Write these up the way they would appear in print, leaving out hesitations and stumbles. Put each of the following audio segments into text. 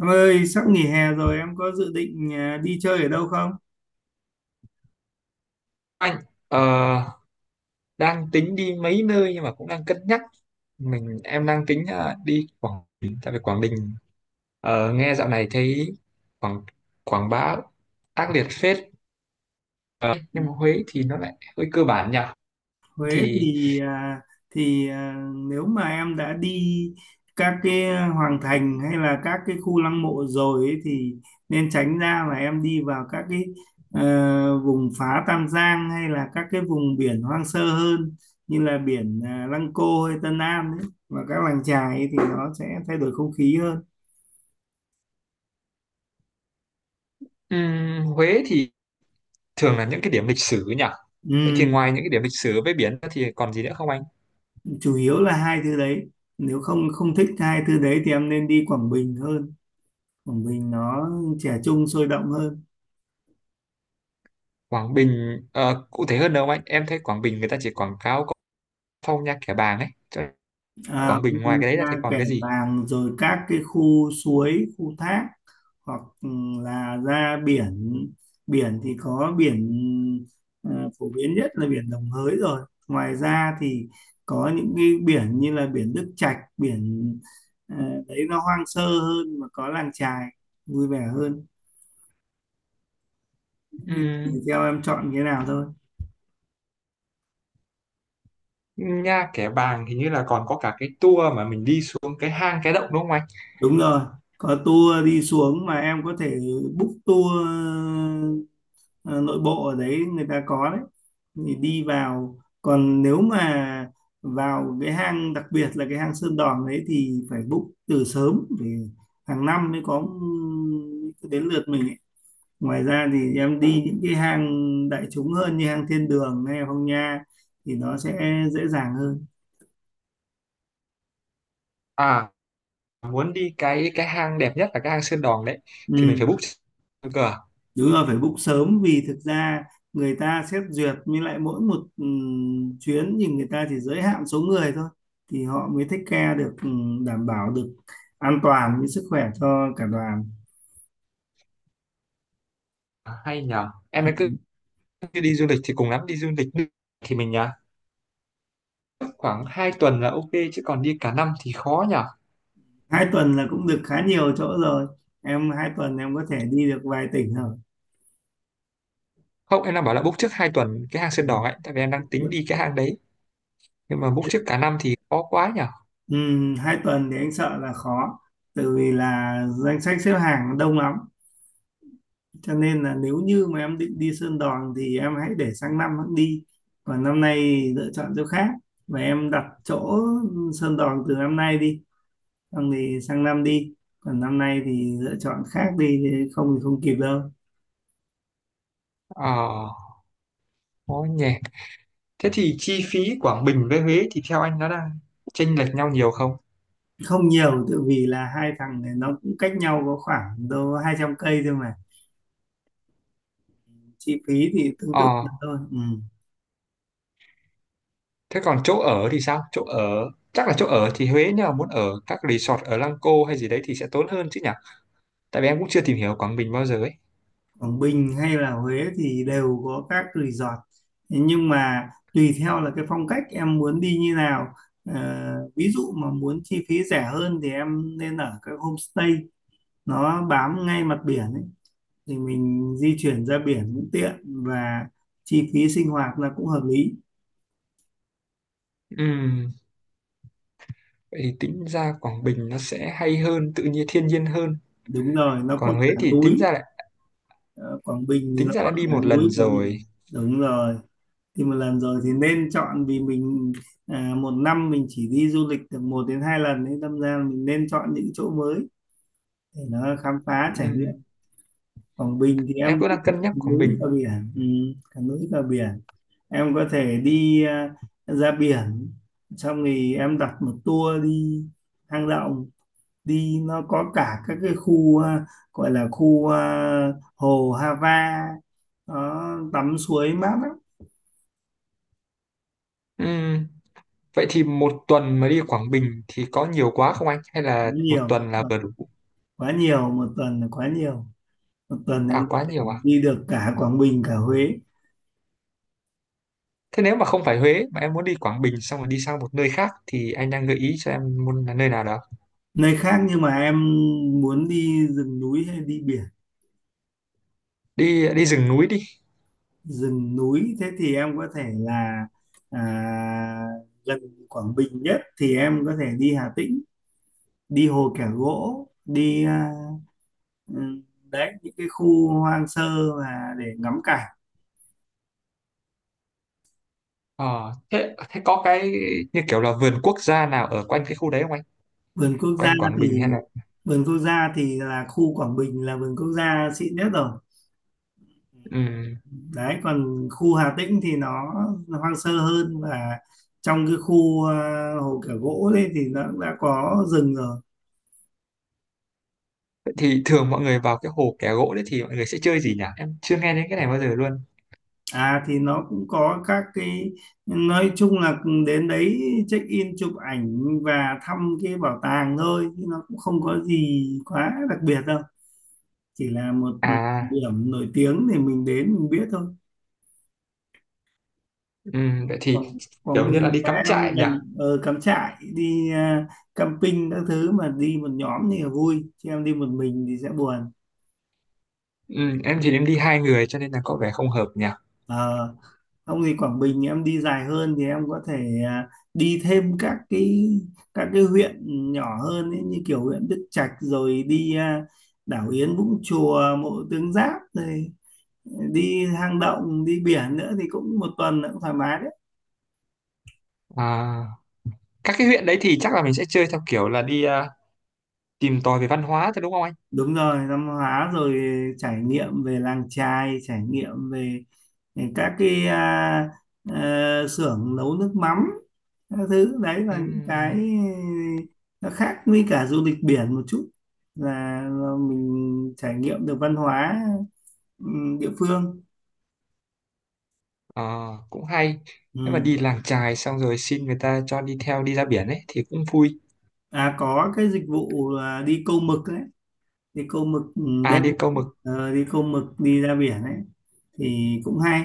Em ơi, sắp nghỉ hè rồi em có dự định đi chơi ở đâu không? Anh ờ, đang tính đi mấy nơi nhưng mà cũng đang cân nhắc mình em đang tính đi Quảng Bình tại vì Quảng Bình nghe dạo này thấy Quảng Quảng Bá ác liệt phết. Ờ, nhưng mà Huế thì nó lại hơi cơ bản nhỉ, Huế thì thì à, thì à, nếu mà em đã đi các cái hoàng thành hay là các cái khu lăng mộ rồi ấy, thì nên tránh ra mà em đi vào các cái vùng phá Tam Giang hay là các cái vùng biển hoang sơ hơn như là biển Lăng Cô hay Tân An ấy và các làng chài ấy, thì nó sẽ thay đổi không khí hơn. Huế thì thường là những cái điểm lịch sử nhỉ. Vậy thì Ừ. ngoài những cái điểm lịch sử với biển ra thì còn gì nữa không anh? Chủ yếu là hai thứ đấy. Nếu không không thích hai thứ đấy thì em nên đi Quảng Bình hơn. Quảng Bình nó trẻ trung sôi động hơn, Quảng Bình cụ thể hơn đâu anh, em thấy Quảng Bình người ta chỉ quảng cáo có Phong Nha Kẻ Bàng ấy, cho nên à, Quảng Bình ngoài cái đấy ra thì ra còn Kẻ cái gì? Bàng rồi các cái khu suối khu thác, hoặc là ra biển. Biển thì có biển, à, phổ biến nhất là biển Đồng Hới. Rồi ngoài ra thì có những cái biển như là biển Đức Trạch, à, đấy nó hoang sơ hơn mà có làng chài vui vẻ hơn, thì theo em chọn cái nào thôi. Nha Kẻ Bàng hình như là còn có cả cái tour mà mình đi xuống cái hang cái động đúng không anh? Đúng rồi, có tour đi xuống mà em có thể book tour ờ, nội bộ ở đấy người ta có đấy. Thì đi vào, còn nếu mà vào cái hang đặc biệt là cái hang Sơn Đòn đấy thì phải book từ sớm, vì hàng năm mới có ừ, đến lượt mình ấy. Ngoài ra thì em đi những cái hang đại chúng hơn như hang Thiên Đường hay Phong Nha, thì nó sẽ dễ dàng hơn. À, muốn đi cái hang đẹp nhất là cái hang Sơn Đòn đấy thì mình Ừ. phải book cơ. Đúng là phải book sớm, vì thực ra người ta xét duyệt, với lại mỗi một chuyến thì người ta chỉ giới hạn số người thôi, thì họ mới take care được, đảm bảo được an toàn với sức khỏe cho cả đoàn. À, hay nhờ. Em ấy cứ Ừm, đi du lịch thì cùng lắm đi du lịch thì mình nhờ. Khoảng 2 tuần là ok chứ còn đi cả năm thì khó nhờ. 2 tuần là cũng được khá nhiều chỗ rồi. Em 2 tuần em có thể đi được vài tỉnh rồi. Không, em đang bảo là book trước 2 tuần cái hang Sơn Đòn Vâng. ấy tại vì em đang tính đi cái hang đấy. Nhưng mà book trước cả năm thì khó quá nhờ. Hai tuần thì anh sợ là khó, tại vì là danh sách xếp hàng đông lắm. Cho nên là nếu như mà em định đi Sơn Đoòng thì em hãy để sang năm hẵng đi, còn năm nay lựa chọn chỗ khác, và em đặt chỗ Sơn Đoòng từ năm nay đi, xong thì sang năm đi, còn năm nay thì lựa chọn khác đi, chứ không thì không kịp đâu. Ờ, khó nhỉ. Thế thì chi phí Quảng Bình với Huế thì theo anh nó đang chênh lệch nhau nhiều không? Không nhiều, tự vì là hai thằng này nó cũng cách nhau có khoảng đâu 200 cây thôi mà, chi phí thì tương tự nhau Ờ, thôi ừ. thế còn chỗ ở thì sao? Chỗ ở thì Huế, nếu mà muốn ở các resort ở Lăng Cô hay gì đấy thì sẽ tốn hơn chứ nhỉ? Tại vì em cũng chưa tìm hiểu Quảng Bình bao giờ ấy. Quảng Bình hay là Huế thì đều có các resort. Thế nhưng mà tùy theo là cái phong cách em muốn đi như nào. Ờ, Ví dụ mà muốn chi phí rẻ hơn thì em nên ở các homestay, nó bám ngay mặt biển ấy, thì mình di chuyển ra biển cũng tiện và chi phí sinh hoạt là cũng hợp lý. Ừm, vậy thì tính ra Quảng Bình nó sẽ hay hơn, tự nhiên thiên nhiên hơn. Đúng rồi, nó có Còn Huế cả thì núi. Ờ, Quảng Bình thì tính nó ra có đã đi cả một núi lần và rồi. biển, đúng rồi. Thì một lần rồi thì nên chọn, vì mình một năm mình chỉ đi du lịch được 1 đến 2 lần, nên đâm ra mình nên chọn những chỗ mới để nó khám phá trải nghiệm. Ừm, Quảng Bình thì em em cũng đang cân nhắc đi Quảng núi Bình. và biển, cả núi cả biển. Em có thể đi ra biển, xong thì em đặt một tour đi hang động, đi nó có cả các cái khu, gọi là khu hồ Hava, nó tắm suối mát lắm. Ừm, vậy thì 1 tuần mà đi Quảng Bình thì có nhiều quá không anh? Hay là một Nhiều, tuần là vừa đủ? quá nhiều. Một tuần là quá nhiều. Một tuần À em có quá thể nhiều à? đi được cả Quảng Bình cả Huế. Thế nếu mà không phải Huế mà em muốn đi Quảng Bình xong rồi đi sang một nơi khác thì anh đang gợi ý cho em muốn là nơi nào đó. Nơi khác nhưng mà em muốn đi rừng núi hay đi biển? Đi đi rừng núi đi. Rừng núi, thế thì em có thể là à, gần Quảng Bình nhất thì em có thể đi Hà Tĩnh, đi Hồ Kẻ Gỗ đi, ừ, đấy những cái khu hoang sơ mà để ngắm cảnh. Ờ, thế thế có cái như kiểu là vườn quốc gia nào ở quanh cái khu đấy không anh? vườn quốc gia Quanh Quảng Bình hay thì là vườn quốc gia thì là khu Quảng Bình là vườn quốc gia xịn nhất rồi. ừm, Đấy còn khu Hà Tĩnh thì nó hoang sơ hơn, và trong cái khu hồ Kẻ Gỗ đấy thì nó cũng đã có rừng rồi. vậy thì thường mọi người vào cái hồ Kẻ Gỗ đấy thì mọi người sẽ chơi gì nhỉ? Em chưa nghe đến cái này bao giờ luôn. À thì nó cũng có các cái, nói chung là đến đấy check in chụp ảnh và thăm cái bảo tàng thôi, chứ nó cũng không có gì quá đặc biệt đâu, chỉ là một À, điểm nổi tiếng thì mình đến mình biết thôi. Vậy thì Quảng kiểu như là Bình đi và cắm em trại nhỉ? mình ở Cắm Trại đi, camping các thứ, mà đi một nhóm thì là vui, chứ em đi một mình thì sẽ buồn. Em thì em đi 2 người cho nên là có vẻ không hợp nhỉ? Ờ, ông thì Quảng Bình em đi dài hơn thì em có thể à, đi thêm các cái huyện nhỏ hơn ấy, như kiểu huyện Đức Trạch, rồi đi đảo Yến Vũng Chùa Mộ Tướng Giáp, rồi đi hang động đi biển nữa, thì cũng một tuần nữa cũng thoải mái. À, các cái huyện đấy thì chắc là mình sẽ chơi theo kiểu là đi tìm tòi về văn hóa thôi đúng không anh? Đúng rồi, văn hóa, rồi trải nghiệm về làng chài, trải nghiệm về các cái, xưởng nấu nước mắm, các thứ đấy là những cái Ừm, nó khác với cả du lịch biển một chút, là mình trải nghiệm được văn hóa ừ, địa phương. ờ, cũng hay, Ừ. nếu mà đi làng chài xong rồi xin người ta cho đi theo đi ra biển ấy thì cũng vui. À có cái dịch vụ là đi câu mực đấy, đi câu mực À, đêm. đi câu mực. Đi câu mực đi ra biển ấy thì cũng hay,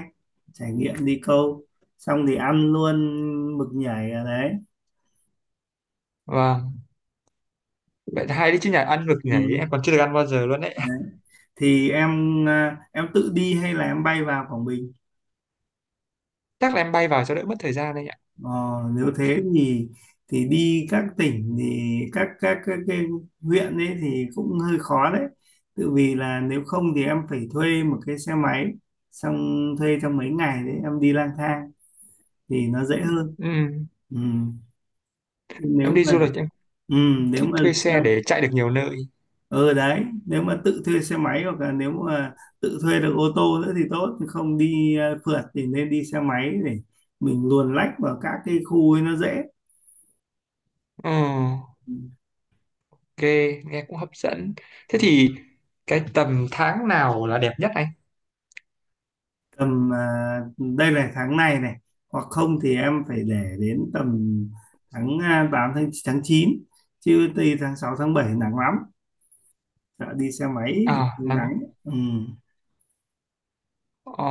trải nghiệm đi câu, xong thì ăn luôn mực nhảy ở đấy Và vậy là hay đấy chứ, nhà ăn mực ừ. nhảy em còn chưa được ăn bao giờ luôn đấy. Đấy thì em, em tự đi hay là em bay vào Quảng Bình? Chắc là em bay vào cho đỡ mất thời gian đấy ạ. ờ, Nếu thế thì đi các tỉnh thì các cái huyện ấy thì cũng hơi khó đấy, tự vì là nếu không thì em phải thuê một cái xe máy, xong thuê trong mấy ngày đấy em đi lang thang thì nó dễ hơn Ừm, ừ. Chứ em đi du lịch em ừ, cũng nếu thích mà thuê xe để chạy được nhiều nơi. ừ đấy nếu mà tự thuê xe máy, hoặc là nếu mà tự thuê được ô tô nữa thì tốt, chứ không đi phượt thì nên đi xe máy để mình luồn lách vào các cái khu ấy nó dễ. Ờ, Ừ. ok, nghe cũng hấp dẫn, thế thì cái tầm tháng nào là đẹp nhất anh? Tầm, đây là tháng này này, hoặc không thì em phải để đến tầm tháng 8 tháng tháng 9, chứ từ tháng 6 tháng 7 nắng lắm, sợ đi xe máy À thì nắng. nắng. Ừ, Ờ,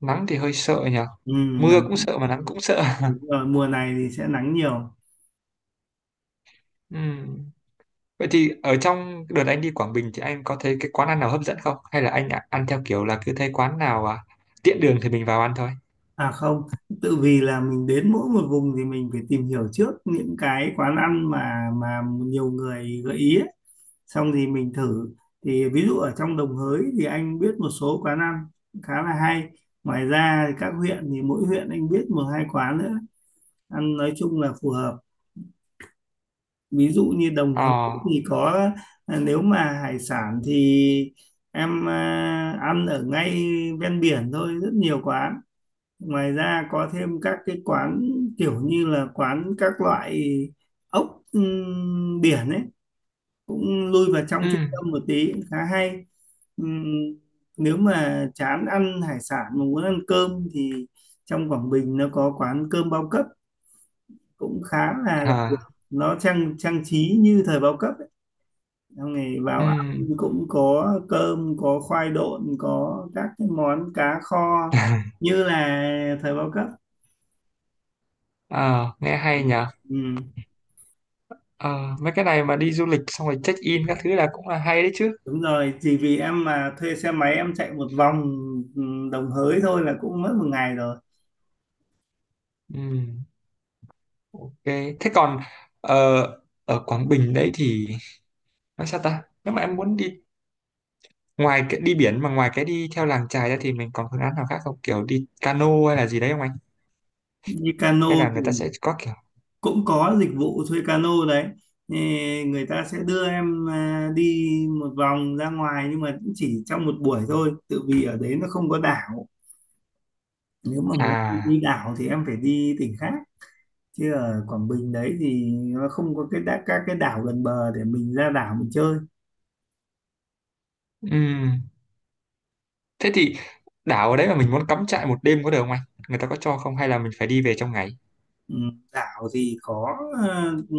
nắng thì hơi sợ nhỉ, ừ, mưa cũng nắng. sợ mà nắng cũng sợ. Đúng rồi, mùa này thì sẽ nắng nhiều. Ừm, vậy thì ở trong đợt anh đi Quảng Bình thì anh có thấy cái quán ăn nào hấp dẫn không? Hay là ăn theo kiểu là cứ thấy quán nào tiện đường thì mình vào ăn thôi? À không, tự vì là mình đến mỗi một vùng thì mình phải tìm hiểu trước những cái quán ăn mà nhiều người gợi ý ấy. Xong thì mình thử. Thì ví dụ ở trong Đồng Hới thì anh biết một số quán ăn khá là hay. Ngoài ra thì các huyện thì mỗi huyện anh biết một hai quán nữa. Ăn nói chung là phù hợp. Ví dụ như Đồng Hới Ờ, thì có, nếu mà hải sản thì em ăn ở ngay ven biển thôi, rất nhiều quán. Ngoài ra có thêm các cái quán kiểu như là quán các loại ốc, biển ấy, cũng lui vào ừ, trong trung tâm một tí cũng khá hay. Ừm, Nếu mà chán ăn hải sản mà muốn ăn cơm thì trong Quảng Bình nó có quán cơm bao cấp cũng khá là đặc biệt, à, nó trang trang trí như thời bao cấp ấy. Xong ngày ừ, vào ăn cũng có cơm, có khoai độn, có các cái món cá kho như là thời bao cấp. ờ, nghe hay nhờ. Ừ. Ờ, mấy cái này mà đi du lịch xong rồi check in các thứ là cũng là hay đấy chứ. Đúng rồi, chỉ vì em mà thuê xe máy em chạy một vòng ừ, Đồng Hới thôi là cũng mất một ngày rồi. Ừ, ok. Thế còn ờ, ở Quảng Bình đấy thì nói sao ta? Nếu mà em muốn đi ngoài cái đi biển mà ngoài cái đi theo làng chài ra thì mình còn phương án nào khác không? Kiểu đi cano hay là gì đấy không anh? Như Hay cano là thì người ta sẽ có kiểu cũng có dịch vụ thuê cano đấy. Thì người ta sẽ đưa em đi một vòng ra ngoài, nhưng mà cũng chỉ trong một buổi thôi. Tự vì ở đấy nó không có đảo. Nếu mà muốn à, đi đảo thì em phải đi tỉnh khác. Chứ ở Quảng Bình đấy thì nó không có các cái đảo gần bờ để mình ra đảo mình chơi. ừm. Thế thì đảo ở đấy mà mình muốn cắm trại 1 đêm có được không anh? Người ta có cho không hay là mình phải đi về trong ngày? Ừ, đảo thì ờ, ừ,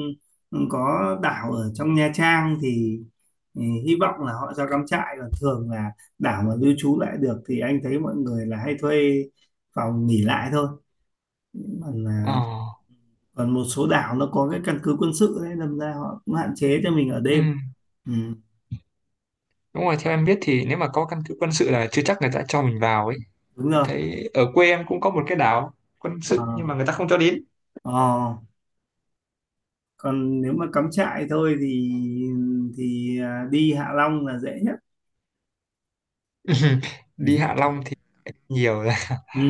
có đảo ở trong Nha Trang, thì ừ, hy vọng là họ cho cắm trại, còn thường là đảo mà lưu trú lại được thì anh thấy mọi người là hay thuê phòng nghỉ lại thôi, còn Ờ, là còn một số đảo nó có cái căn cứ quân sự đấy, đâm ra họ cũng hạn chế cho mình ở đêm. ừm. Ừ, Đúng rồi, theo em biết thì nếu mà có căn cứ quân sự là chưa chắc người ta cho mình vào ấy. đúng Em rồi. thấy ở quê em cũng có một cái đảo quân Ờ, sự nhưng mà người ta không cho đến. ờ. Còn nếu mà cắm trại thôi thì đi Hạ Long là dễ nhất. Đi Hạ Long thì nhiều rồi. Ừ,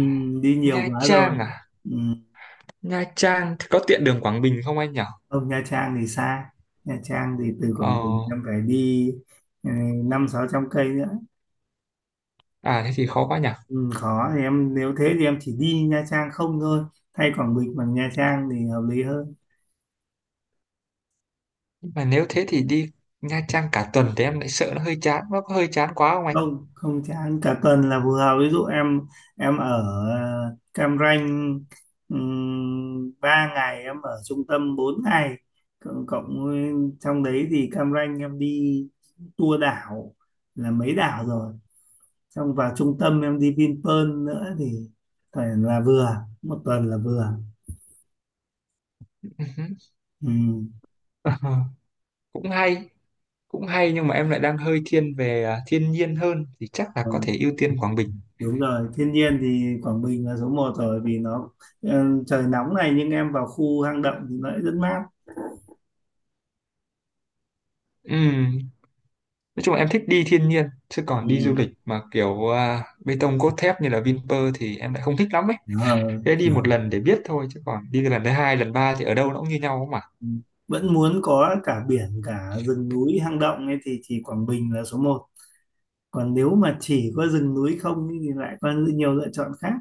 đi nhiều Nha quá Trang rồi. à? Nha Trang thì có tiện đường Quảng Bình không anh nhỉ? Không, Nha Trang thì xa. Nha Trang thì từ Ờ, Quảng Bình em phải đi, ừ, 500-600 cây nữa. à thế thì khó quá nhỉ. Ừ, khó thì em nếu thế thì em chỉ đi Nha Trang không thôi. Thay Quảng Bình bằng Nha Trang thì hợp lý hơn. Nhưng mà nếu thế thì đi Nha Trang cả tuần thì em lại sợ nó hơi chán, nó có hơi chán quá không Không, không chán, cả tuần là phù hợp. Ví dụ em ở Cam Ranh 3 ngày, em ở trung tâm 4 ngày. Cộng, cộng với- trong đấy thì Cam Ranh em đi tour đảo là mấy đảo rồi, xong vào trung tâm em đi Vinpearl nữa thì phải là vừa, một tuần là vừa anh? ừ. Ờ, cũng hay cũng hay, nhưng mà em lại đang hơi thiên về thiên nhiên hơn thì chắc là có Rồi, thể ưu tiên Quảng Bình. đúng rồi, thiên nhiên thì Quảng Bình là số một rồi, vì nó, trời nóng này nhưng em vào khu hang động thì nó lại rất mát Ừm, nói chung là em thích đi thiên nhiên chứ còn đi du ừ. lịch mà kiểu bê tông cốt thép như là Vinpearl thì em lại không thích lắm ấy, Ờ, thế đi một lần để biết thôi chứ còn đi lần thứ hai lần ba thì ở đâu nó cũng như nhau mà. ừ. Vẫn muốn có cả biển cả rừng núi hang động ấy thì chỉ Quảng Bình là số một, còn nếu mà chỉ có rừng núi không ấy thì lại có nhiều lựa chọn khác.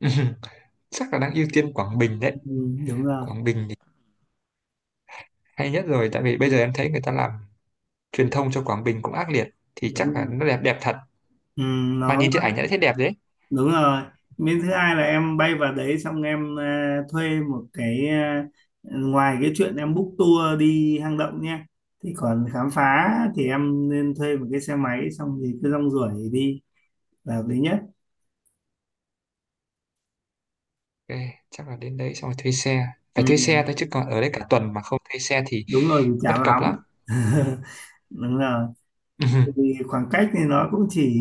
Chắc là đang ưu tiên Quảng Bình đấy. ừ, Đúng rồi. Quảng Bình thì hay nhất rồi, tại vì bây giờ em thấy người ta làm truyền thông cho Quảng Bình cũng ác liệt, thì Đúng chắc là rồi, nó đẹp đẹp thật, ừ, mà nó nhìn trên ảnh đã thấy đẹp đấy. đúng rồi. Miếng thứ hai là em bay vào đấy, xong em thuê một cái, ngoài cái chuyện em book tour đi hang động nha thì còn khám phá, thì em nên thuê một cái xe máy xong thì cứ rong ruổi đi là hợp lý nhất. Ok, chắc là đến đấy xong rồi thuê xe. ừ, Phải thuê xe thôi chứ còn ở đây cả tuần mà không thuê xe thì Đúng rồi, thì chán bất cập lắm. lắm. Đúng rồi, vì khoảng cách thì nó cũng chỉ,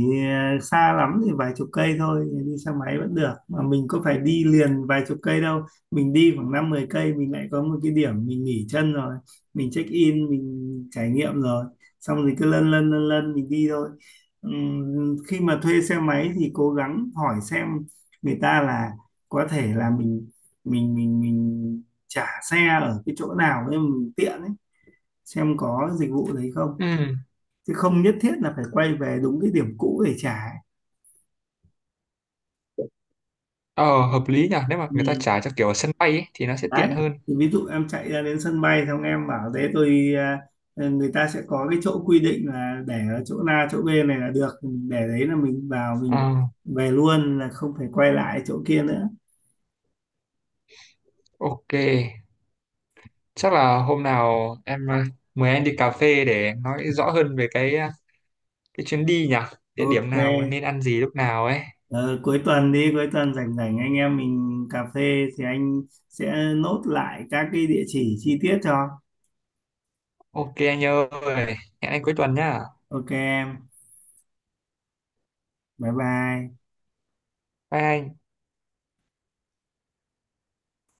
xa lắm thì vài chục cây thôi, đi xe máy vẫn được mà mình có phải đi liền vài chục cây đâu, mình đi khoảng năm mười cây mình lại có một cái điểm mình nghỉ chân rồi, mình check in mình trải nghiệm rồi, xong rồi cứ lân lân lân lân mình đi thôi. Khi mà thuê xe máy thì cố gắng hỏi xem người ta là có thể là mình trả xe ở cái chỗ nào để mình tiện ấy, xem có dịch vụ đấy không, Ừ. Ừ. chứ không nhất thiết là phải quay về đúng cái điểm cũ để trả. Ờ, hợp lý nhỉ. Nếu mà người ta Ừ. trả cho kiểu ở sân bay ấy, thì nó sẽ Đấy tiện hơn. thì ví dụ em chạy ra đến sân bay xong em bảo thế tôi, người ta sẽ có cái chỗ quy định là để ở chỗ A chỗ B này là được, để đấy là mình vào Ờ, mình về luôn là không phải quay lại chỗ kia nữa. ok. Chắc là hôm nào em mời anh đi cà phê để nói rõ hơn về cái chuyến đi nhỉ. Địa điểm Ok. nào nên ăn gì lúc nào ấy. Ờ, cuối tuần đi, cuối tuần rảnh rảnh anh em mình cà phê thì anh sẽ nốt lại các cái địa chỉ chi tiết cho. Ok anh ơi. Hẹn anh cuối tuần nhá. Ok em, bye bye. Bye anh.